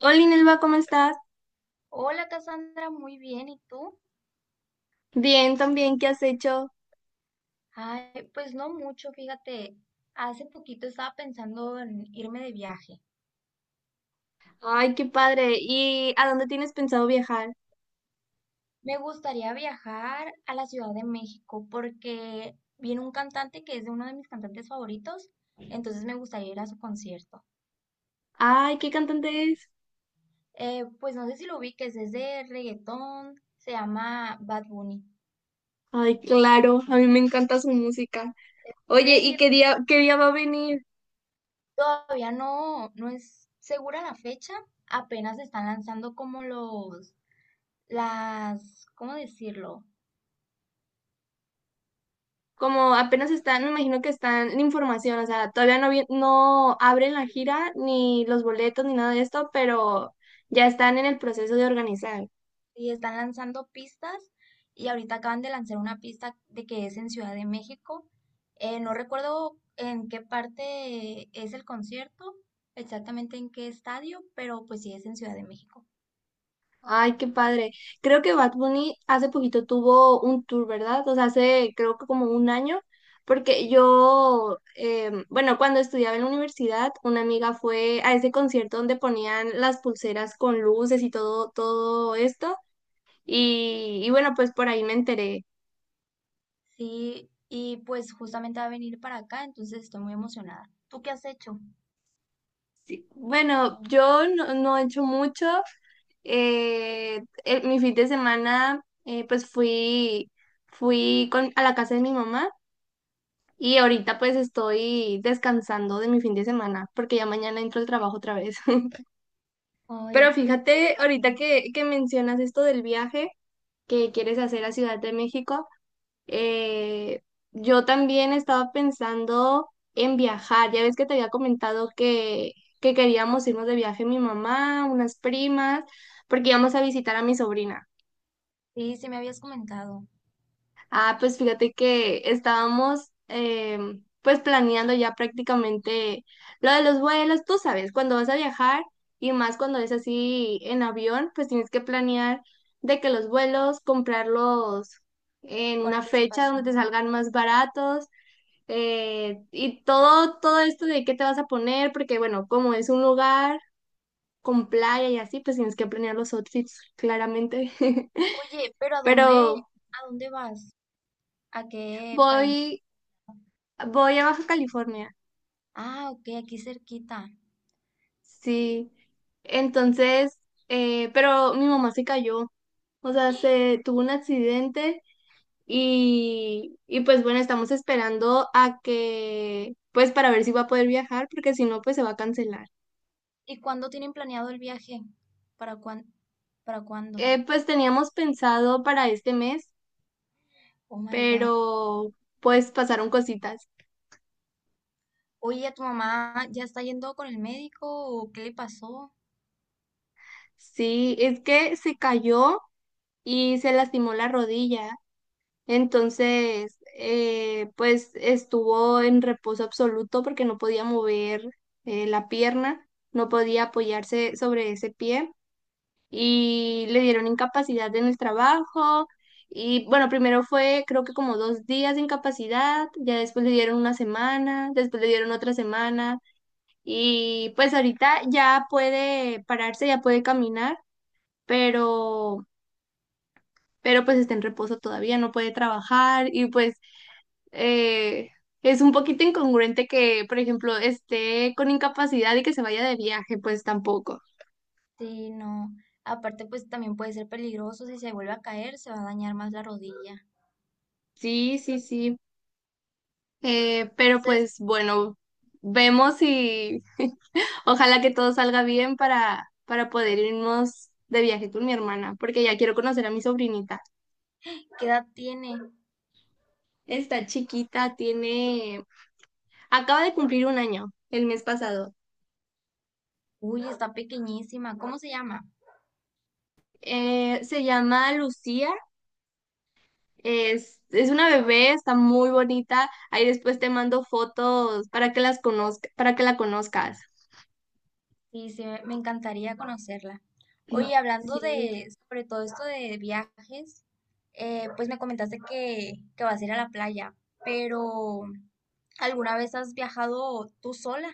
Hola Inelva, ¿cómo estás? Hola Cassandra, muy bien, ¿y tú? Bien, también, ¿qué has hecho? Ay, pues no mucho, fíjate, hace poquito estaba pensando en irme de viaje. Ay, qué padre. ¿Y a dónde tienes pensado viajar? Me gustaría viajar a la Ciudad de México porque viene un cantante que es de uno de mis cantantes favoritos, entonces me gustaría ir a su concierto. Ay, ¿qué cantante es? Pues no sé si lo ubiques, es de reggaetón, se llama Bad Bunny. Ay, claro, a mí me encanta su música. ¿En Oye, ¿y serio? qué día va a venir? Todavía no es segura la fecha, apenas están lanzando como los, las, ¿cómo decirlo? Como apenas están, me imagino que están en información, o sea, todavía no, no abren la gira, ni los boletos, ni nada de esto, pero ya están en el proceso de organizar. Y están lanzando pistas y ahorita acaban de lanzar una pista de que es en Ciudad de México. No recuerdo en qué parte es el concierto, exactamente en qué estadio, pero pues sí es en Ciudad de México. Ay, qué padre. Creo que Bad Bunny hace poquito tuvo un tour, ¿verdad? O sea, hace creo que como un año, porque yo, bueno, cuando estudiaba en la universidad, una amiga fue a ese concierto donde ponían las pulseras con luces y todo esto. Y bueno, pues por ahí me enteré. Sí, y pues justamente va a venir para acá, entonces estoy muy emocionada. ¿Tú qué has hecho? Bueno, yo no he hecho mucho. Mi fin de semana, pues fui con, a la casa de mi mamá. Y ahorita pues estoy descansando de mi fin de semana porque ya mañana entro al trabajo otra vez. Pero Ay, pues qué fíjate, padre. ahorita que mencionas esto del viaje que quieres hacer a Ciudad de México, eh, yo también estaba pensando en viajar. Ya ves que te había comentado que queríamos irnos de viaje mi mamá, unas primas, porque íbamos a visitar a mi sobrina. Sí, sí me habías comentado Ah, pues fíjate que estábamos pues planeando ya prácticamente lo de los vuelos, tú sabes, cuando vas a viajar y más cuando es así en avión, pues tienes que planear de que los vuelos, comprarlos en con una fecha donde te anticipación. salgan más baratos y todo esto de qué te vas a poner, porque bueno, como es un lugar con playa y así, pues tienes que planear los outfits claramente. Oye, pero Pero ¿a dónde vas? ¿A qué país? voy, voy a Baja California. Ah, ok, aquí cerquita. Sí, entonces, pero mi mamá se cayó, o sea, se tuvo un accidente y pues bueno, estamos esperando a que, pues para ver si va a poder viajar, porque si no, pues se va a cancelar. ¿Y cuándo tienen planeado el viaje? ¿Para cuán, ¿Para cuándo? Pues teníamos pensado para este mes, Oh my God. pero pues pasaron cositas. Oye, ¿tu mamá ya está yendo con el médico o qué le pasó? Sí, es que se cayó y se lastimó la rodilla. Entonces, pues estuvo en reposo absoluto porque no podía mover la pierna, no podía apoyarse sobre ese pie y le dieron incapacidad en el trabajo. Y bueno, primero fue creo que como 2 días de incapacidad, ya después le dieron una semana, después le dieron otra semana y pues ahorita ya puede pararse, ya puede caminar, pero pero pues está en reposo todavía, no puede trabajar y pues eh, es un poquito incongruente que, por ejemplo, esté con incapacidad y que se vaya de viaje, pues tampoco. Sí, no. Aparte, pues también puede ser peligroso. Si se vuelve a caer, se va a dañar más la rodilla. Sí, sí, sí. Pero Entonces, pues bueno, vemos y ojalá que todo salga bien para poder irnos de viaje con mi hermana, porque ya quiero conocer a mi sobrinita. ¿qué edad tiene? Está chiquita, tiene, acaba de cumplir un año el mes pasado. Uy, está pequeñísima. ¿Cómo se llama? Se llama Lucía. Es una bebé, está muy bonita. Ahí después te mando fotos para que las conozca, para que la conozcas. Sí, sí, me encantaría conocerla. Oye, claro, hablando Sí. de, sobre todo esto de viajes, pues me comentaste que vas a ir a la playa, pero ¿alguna vez has viajado tú sola?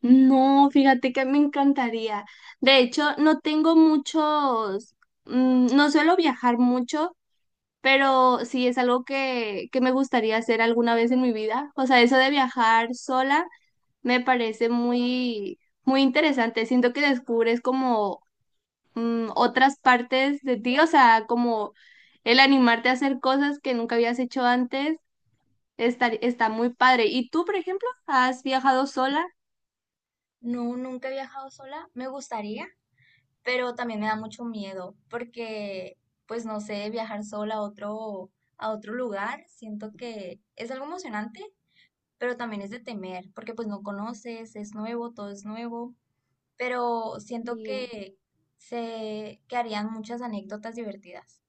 No, fíjate que me encantaría. De hecho, no tengo muchos, no suelo viajar mucho, pero sí es algo que me gustaría hacer alguna vez en mi vida. O sea, eso de viajar sola me parece muy, muy interesante. Siento que descubres como otras partes de ti, o sea, como el animarte a hacer cosas que nunca habías hecho antes, está muy padre. ¿Y tú, por ejemplo, has viajado sola? No, nunca he viajado sola, me gustaría, pero también me da mucho miedo, porque pues no sé, viajar sola a a otro lugar, siento que es algo emocionante, pero también es de temer, porque pues no conoces, es nuevo, todo es nuevo. Pero siento Y que se que harían muchas anécdotas divertidas.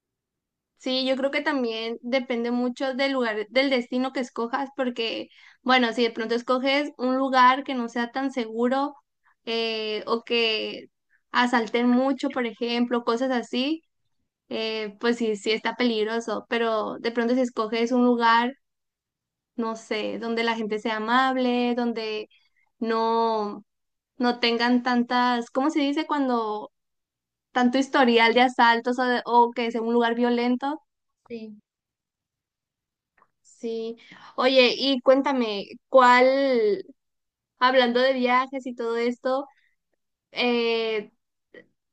sí, yo creo que también depende mucho del lugar, del destino que escojas, porque, bueno, si de pronto escoges un lugar que no sea tan seguro o que asalten mucho, por ejemplo, cosas así, pues sí, sí está peligroso, pero de pronto si escoges un lugar, no sé, donde la gente sea amable, donde no, no tengan tantas, ¿cómo se dice cuando tanto historial de asaltos o, o que sea un lugar violento? Sí. Sí. Oye, y cuéntame, ¿cuál, hablando de viajes y todo esto, eh,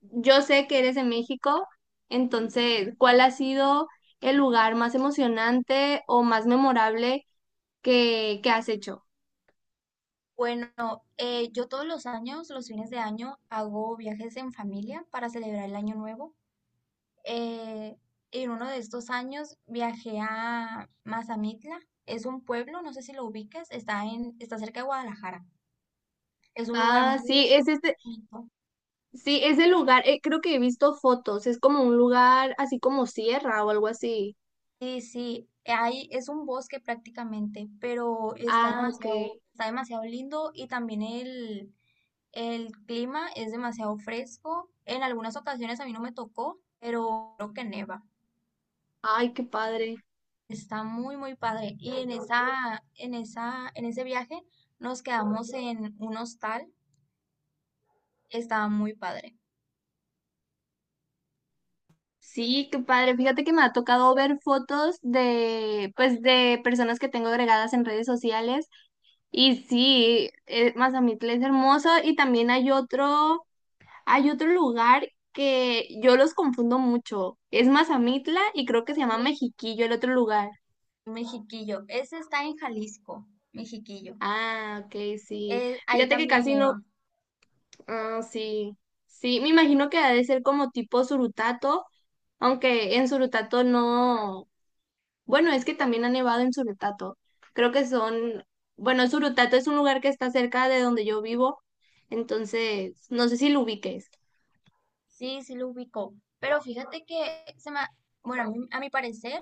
yo sé que eres de México, entonces, ¿cuál ha sido el lugar más emocionante o más memorable que has hecho? Bueno, yo todos los años, los fines de año, hago viajes en familia para celebrar el año nuevo. Eh, en uno de estos años viajé a Mazamitla. Es un pueblo, no sé si lo ubicas, está cerca de Guadalajara. Es un lugar Ah, muy sí, ese. bonito, Sí, es ¿sí? el lugar, creo que he visto fotos, es como un lugar así como sierra o algo así. Sí, sí, ahí es un bosque prácticamente, pero Ah, ok. Está demasiado lindo y también el clima es demasiado fresco. En algunas ocasiones a mí no me tocó, pero creo que neva. Ay, qué padre. Está muy, muy padre. Y en en ese viaje nos quedamos en un hostal. Estaba muy padre. Sí, qué padre. Fíjate que me ha tocado ver fotos de, pues, de personas que tengo agregadas en redes sociales. Y sí, Mazamitla es hermoso. Y también hay otro lugar que yo los confundo mucho. Es Mazamitla y creo que se llama Me- Mexiquillo, el otro lugar. Mexiquillo. Ese está en Jalisco, Mexiquillo. Ah, ok, sí. Ahí Fíjate que también casi no. neva. Ah, sí, sí, me imagino que ha de ser como tipo Surutato, aunque en Surutato no, bueno, es que también ha nevado en Surutato, creo que son, bueno, Surutato es un lugar que está cerca de donde yo vivo, entonces, no sé si lo ubiques. Sí, sí lo ubicó. Pero fíjate que se me, bueno, a mi parecer,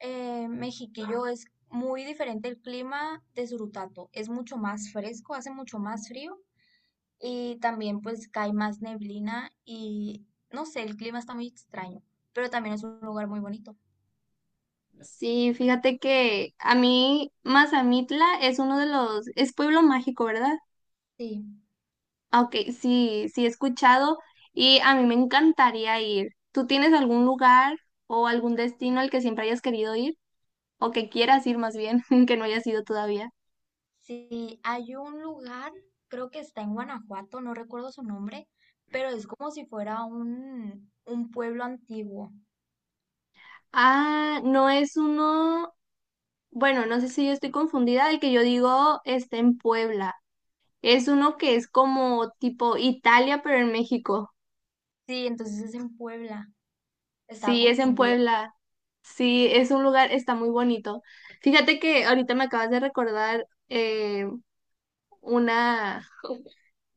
Mexiquillo es muy diferente el clima de Surutato. Es mucho más fresco, hace mucho más frío y también pues cae más neblina y no sé, el clima está muy extraño, pero también es un lugar muy bonito. Sí, fíjate que a mí, Mazamitla es uno de los, es pueblo mágico, ¿verdad? Sí, Ah, ok, sí, sí he escuchado y a mí me encantaría ir. ¿Tú tienes algún lugar o algún destino al que siempre hayas querido ir? ¿O que quieras ir más bien, que no hayas ido todavía? sí, hay un lugar, creo que está en Guanajuato, no recuerdo su nombre, pero es como si fuera un pueblo antiguo. Ah, no es uno, bueno, no sé si yo estoy confundida, el que yo digo está en Puebla. Es uno que es como tipo Italia, pero en México. Sí, entonces es en Puebla. Estaba Sí, es en confundida. Puebla. Sí, es un lugar, está muy bonito. Fíjate que ahorita me acabas de recordar una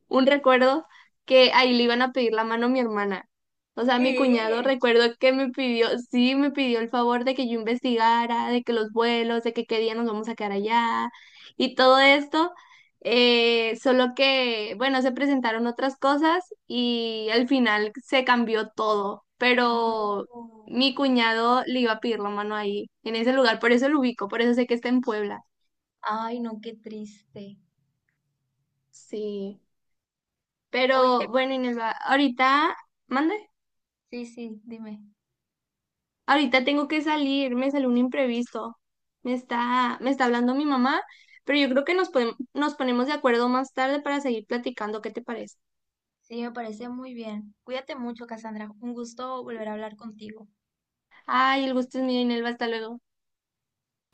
un recuerdo que ahí le iban a pedir la mano a mi hermana. O sea, mi cuñado ¿Qué? recuerdo que me pidió, sí, me pidió el favor de que yo investigara, de que los vuelos, de que qué día nos vamos a quedar allá y todo esto. Solo que, bueno, se presentaron otras cosas y al final se cambió todo, No. pero mi cuñado le iba a pedir la mano ahí, en ese lugar, por eso lo ubico, por eso sé que está en Puebla. Ay, no, qué triste. Sí, Oye, pero bueno, Inelva, ahorita, mande. sí, sí, dime. Ahorita tengo que salir, me salió un imprevisto. Me está hablando mi mamá, pero yo creo que nos ponemos de acuerdo más tarde para seguir platicando. ¿Qué te parece? Sí, me parece muy bien. Cuídate mucho, Cassandra. Un gusto volver a hablar contigo. Ay, el gusto es mío, Inelva. Hasta luego.